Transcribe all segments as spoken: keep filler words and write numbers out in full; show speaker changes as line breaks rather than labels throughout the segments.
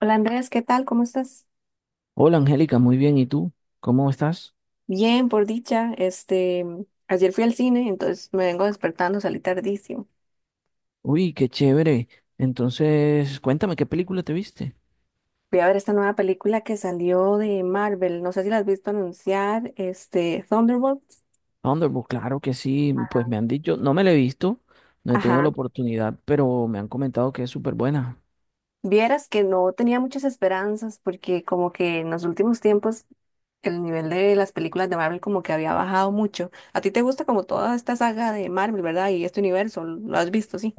Hola Andrés, ¿qué tal? ¿Cómo estás?
Hola Angélica, muy bien. ¿Y tú? ¿Cómo estás?
Bien, por dicha. Este, ayer fui al cine, entonces me vengo despertando, salí tardísimo.
Uy, qué chévere. Entonces, cuéntame, ¿qué película te viste?
Voy a ver esta nueva película que salió de Marvel. No sé si la has visto anunciar, este, Thunderbolts.
Thunderbolt, claro que sí. Pues me han dicho, no me la he visto, no he tenido la
Ajá.
oportunidad, pero me han comentado que es súper buena.
Vieras que no tenía muchas esperanzas porque como que en los últimos tiempos el nivel de las películas de Marvel como que había bajado mucho. A ti te gusta como toda esta saga de Marvel, ¿verdad? Y este universo, ¿lo has visto, sí?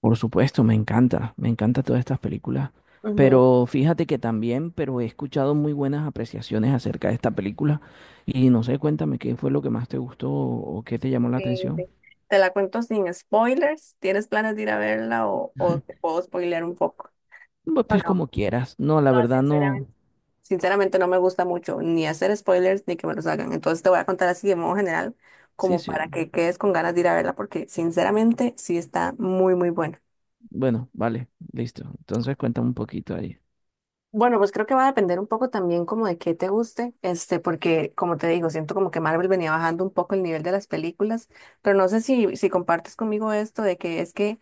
Por supuesto, me encanta, me encantan todas estas películas.
Ujú.
Pero fíjate que también, pero he escuchado muy buenas apreciaciones acerca de esta película. Y no sé, cuéntame, ¿qué fue lo que más te gustó o qué te llamó la
Sí,
atención?
sí. Te la cuento sin spoilers. ¿Tienes planes de ir a verla o, o te puedo spoilear un poco?
Pues,
No,
pues
no,
como quieras. No, la
no,
verdad no.
sinceramente. Sinceramente no me gusta mucho ni hacer spoilers ni que me los hagan. Entonces te voy a contar así de modo general,
Sí,
como para
sí.
que quedes con ganas de ir a verla, porque sinceramente sí está muy, muy buena.
Bueno, vale, listo. Entonces cuéntame un poquito ahí.
Bueno, pues creo que va a depender un poco también como de qué te guste, este, porque como te digo, siento como que Marvel venía bajando un poco el nivel de las películas, pero no sé si, si compartes conmigo esto de que es que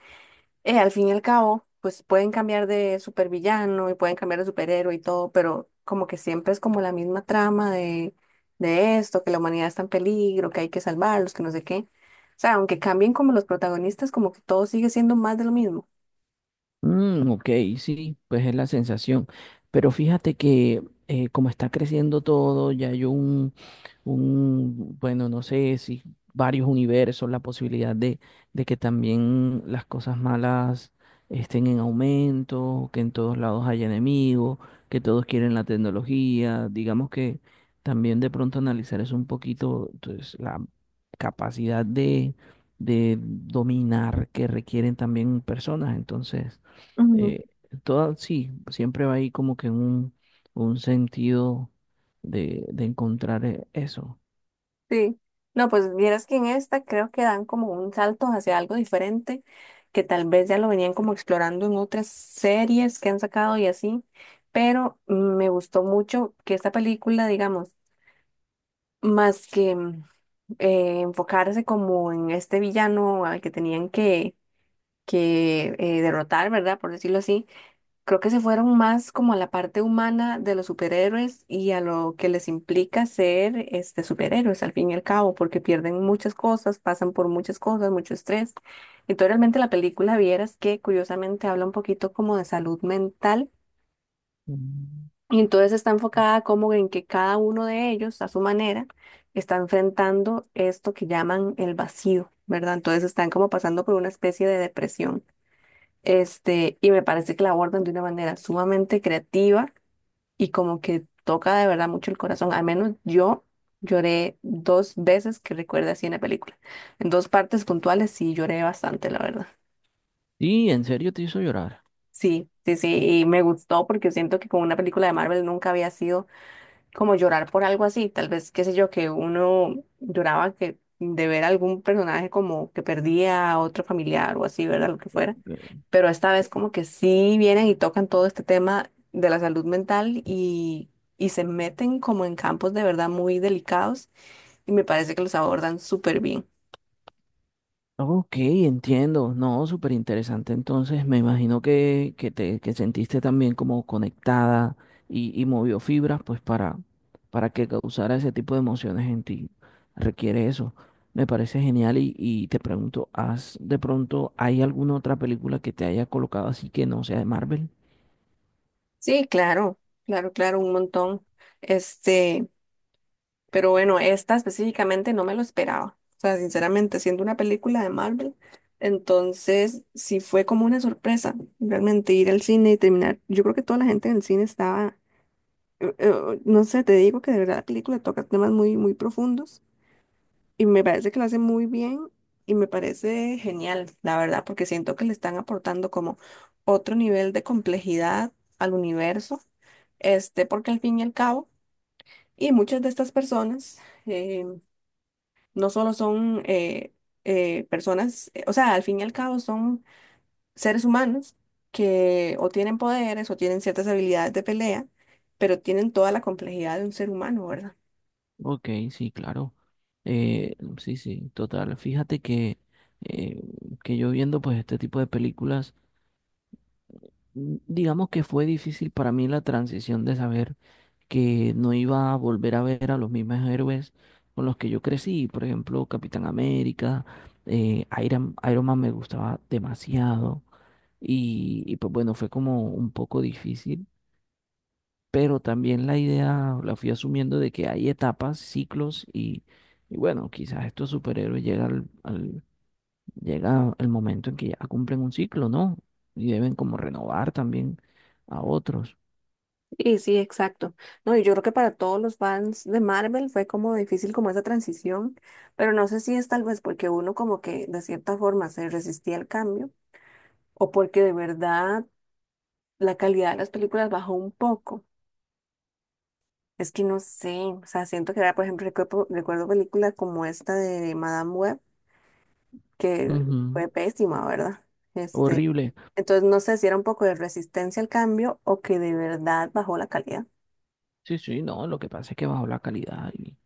eh, al fin y al cabo, pues pueden cambiar de supervillano y pueden cambiar de superhéroe y todo, pero como que siempre es como la misma trama de, de esto, que la humanidad está en peligro, que hay que salvarlos, que no sé qué. O sea, aunque cambien como los protagonistas, como que todo sigue siendo más de lo mismo.
Mm, ok, sí, pues es la sensación. Pero fíjate que eh, como está creciendo todo, ya hay un, un, bueno, no sé si varios universos, la posibilidad de, de que también las cosas malas estén en aumento, que en todos lados haya enemigos, que todos quieren la tecnología. Digamos que también de pronto analizar es un poquito pues, la capacidad de, de dominar que requieren también personas. Entonces...
Ujú.
Eh, toda, sí, siempre va ahí como que un, un sentido de, de encontrar eh, eso.
Sí. No, pues vieras que en esta creo que dan como un salto hacia algo diferente, que tal vez ya lo venían como explorando en otras series que han sacado y así, pero mm, me gustó mucho que esta película, digamos, más que mm, eh, enfocarse como en este villano al que tenían que, que eh, derrotar, ¿verdad? Por decirlo así, creo que se fueron más como a la parte humana de los superhéroes y a lo que les implica ser este, superhéroes al fin y al cabo, porque pierden muchas cosas, pasan por muchas cosas, mucho estrés. Y tú realmente la película vieras que curiosamente habla un poquito como de salud mental
Mm.
y entonces está enfocada como en que cada uno de ellos, a su manera, está enfrentando esto que llaman el vacío, ¿verdad? Entonces están como pasando por una especie de depresión. Este, y me parece que la abordan de una manera sumamente creativa y como que toca de verdad mucho el corazón. Al menos yo lloré dos veces que recuerde así en la película. En dos partes puntuales sí lloré bastante, la verdad.
Y en serio te hizo llorar.
Sí, sí, sí, y me gustó porque siento que con una película de Marvel nunca había sido como llorar por algo así, tal vez, qué sé yo, que uno lloraba que de ver algún personaje como que perdía a otro familiar o así, ¿verdad? Lo que fuera. Pero esta vez como que sí vienen y tocan todo este tema de la salud mental y, y se meten como en campos de verdad muy delicados y me parece que los abordan súper bien.
Ok, entiendo. No, súper interesante. Entonces, me imagino que, que te que sentiste también como conectada y, y movió fibras, pues para, para que causara ese tipo de emociones en ti. Requiere eso. Me parece genial y, y te pregunto, ¿has de pronto hay alguna otra película que te haya colocado así que no sea de Marvel?
Sí, claro, claro, claro, un montón. Este, Pero bueno, esta específicamente no me lo esperaba. O sea, sinceramente, siendo una película de Marvel, entonces sí fue como una sorpresa realmente ir al cine y terminar. Yo creo que toda la gente en el cine estaba, eh, eh, no sé, te digo que de verdad la película toca temas muy, muy profundos y me parece que lo hace muy bien y me parece genial, la verdad, porque siento que le están aportando como otro nivel de complejidad al universo, este, porque al fin y al cabo, y muchas de estas personas. eh, no solo son eh, eh, personas, eh, o sea, al fin y al cabo son seres humanos que o tienen poderes o tienen ciertas habilidades de pelea, pero tienen toda la complejidad de un ser humano, ¿verdad?
Ok, sí, claro. Eh, sí, sí, total. Fíjate que, eh, que yo viendo pues este tipo de películas. mm, Digamos que fue difícil para mí la transición de saber que no iba a volver a ver a los mismos héroes con los que yo crecí. Por ejemplo, Capitán América, eh, Iron, Iron Man me gustaba demasiado y, y pues bueno, fue como un poco difícil, pero también la idea la fui asumiendo de que hay etapas, ciclos y, y bueno, quizás estos superhéroes llega al, al- llega el momento en que ya cumplen un ciclo, ¿no? Y deben como renovar también a otros.
Y sí, exacto. No, y yo creo que para todos los fans de Marvel fue como difícil como esa transición, pero no sé si es tal vez porque uno como que de cierta forma se resistía al cambio o porque de verdad la calidad de las películas bajó un poco. Es que no sé, o sea, siento que era, por ejemplo, recuerdo, recuerdo películas como esta de Madame Web, que
Ujú.
fue pésima, ¿verdad? Este,
Horrible.
entonces no sé si era un poco de resistencia al cambio o que de verdad bajó la calidad.
Sí, sí, no, lo que pasa es que bajó la calidad y,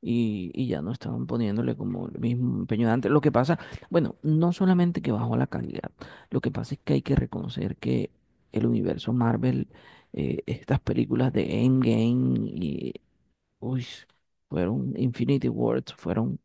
y, y ya no estaban poniéndole como el mismo empeño de antes. Lo que pasa, bueno, no solamente que bajó la calidad, lo que pasa es que hay que reconocer que el universo Marvel, eh, estas películas de Endgame y, uy, fueron Infinity Wars, fueron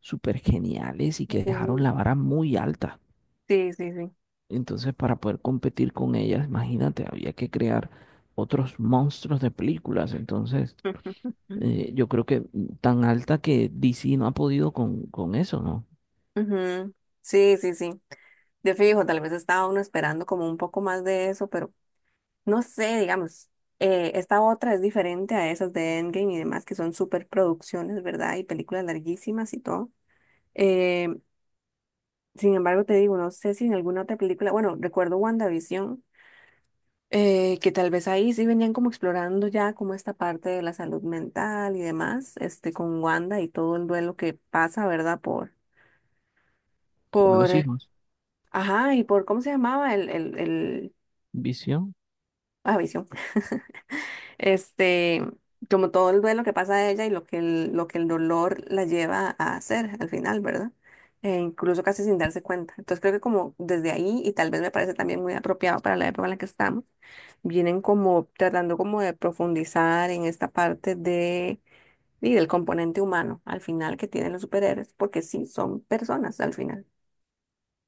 súper geniales y que
Ok.
dejaron la vara muy alta.
Sí, sí, sí.
Entonces, para poder competir con ellas, imagínate, había que crear otros monstruos de películas. Entonces, eh, yo creo que mm, tan alta que D C no ha podido con, con eso, ¿no?
Ujú. Sí, sí, sí. De fijo, tal vez estaba uno esperando como un poco más de eso, pero no sé, digamos, eh, esta otra es diferente a esas de Endgame y demás, que son super producciones, ¿verdad? Y películas larguísimas y todo. Eh, Sin embargo, te digo, no sé si en alguna otra película, bueno, recuerdo WandaVision, eh, que tal vez ahí sí venían como explorando ya como esta parte de la salud mental y demás, este, con Wanda y todo el duelo que pasa, ¿verdad? Por,
Por los
por,
hijos.
ajá, y por, ¿cómo se llamaba? El, el, el,
Visión.
ah, Visión. Este, Como todo el duelo que pasa a ella y lo que el, lo que el dolor la lleva a hacer al final, ¿verdad? E incluso casi sin darse cuenta. Entonces creo que como desde ahí, y tal vez me parece también muy apropiado para la época en la que estamos, vienen como tratando como de profundizar en esta parte de, y del componente humano al final que tienen los superhéroes, porque sí, son personas al final.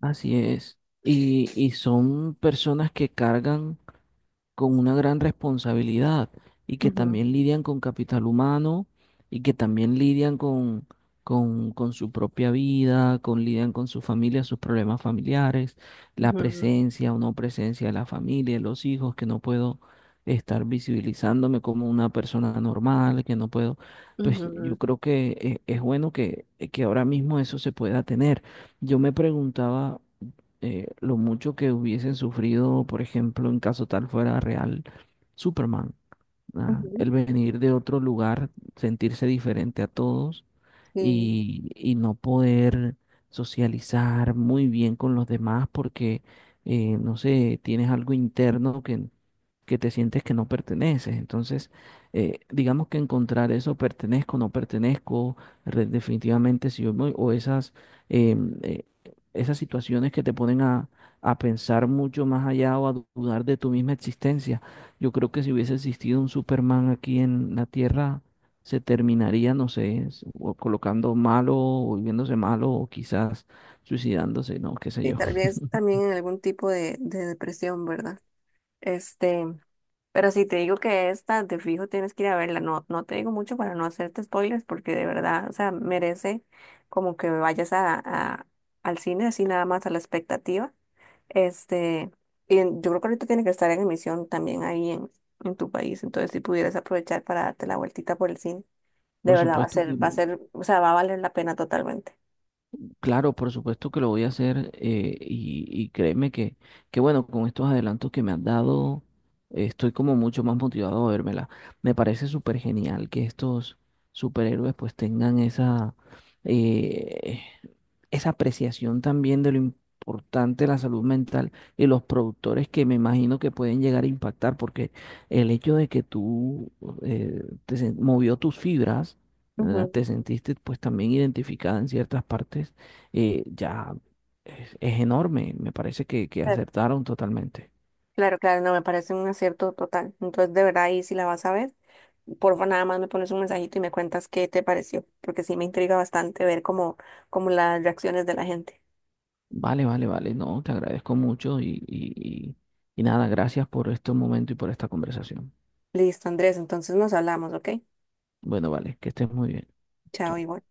Así es. Y, y son personas que cargan con una gran responsabilidad y que
Ujú,
también lidian con capital humano y que también lidian con, con, con su propia vida, con lidian con su familia, sus problemas familiares, la
ujú,
presencia o no presencia de la familia, de los hijos, que no puedo estar visibilizándome como una persona normal, que no puedo. Pues yo
ujú,
creo que eh, es bueno que, que ahora mismo eso se pueda tener. Yo me preguntaba eh, lo mucho que hubiesen sufrido, por ejemplo, en caso tal fuera real, Superman. Ah,
ujú.
el venir de otro lugar, sentirse diferente a todos
Sí,
y, y no poder socializar muy bien con los demás porque, eh, no sé, tienes algo interno que, que te sientes que no perteneces. Entonces, eh, digamos que encontrar eso, pertenezco, no pertenezco, re- definitivamente si yo me- o esas, em, eh, esas situaciones que te ponen a, a pensar mucho más allá o a dudar de tu misma existencia. Yo creo que si hubiese existido un Superman aquí en la Tierra, se terminaría, no sé, s- o colocando malo o volviéndose malo o quizás suicidándose, no, qué sé
y
yo.
tal vez también en algún tipo de, de depresión, ¿verdad? Este, pero si te digo que esta de fijo tienes que ir a verla, no, no te digo mucho para no hacerte spoilers, porque de verdad, o sea, merece como que vayas a, a- al cine, así nada más a la expectativa. Este, y en- yo creo que ahorita tiene que estar en emisión también ahí en, en tu país, entonces si pudieras aprovechar para darte la vueltita por el cine, de
Por
verdad va a
supuesto que
ser, va
no.
a ser, o sea, va a valer la pena totalmente.
Claro, por supuesto que lo voy a hacer eh, y, y créeme que, que, bueno, con estos adelantos que me han dado, eh, estoy como mucho más motivado a vérmela. Me parece súper genial que estos superhéroes pues tengan esa, eh, esa apreciación también de lo importante la salud mental y los productores que me imagino que pueden llegar a impactar, porque el hecho de que tú eh, te sen- movió tus fibras, ¿verdad?
Ujú.
Te sentiste pues también identificada en ciertas partes eh, ya es, es enorme. Me parece que, que
Claro,
acertaron totalmente.
claro, claro, no, me parece un acierto total. Entonces, de verdad, ahí sí la vas a ver. Porfa, nada más me pones un mensajito y me cuentas qué te pareció, porque sí me intriga bastante ver cómo, cómo las reacciones de la gente.
Vale, vale, vale. No, te agradezco mucho y, y, y y nada, gracias por este momento y por esta conversación.
Listo, Andrés, entonces nos hablamos, ¿ok?
Bueno, vale, que estés muy bien.
Chao,
Chao.
igual.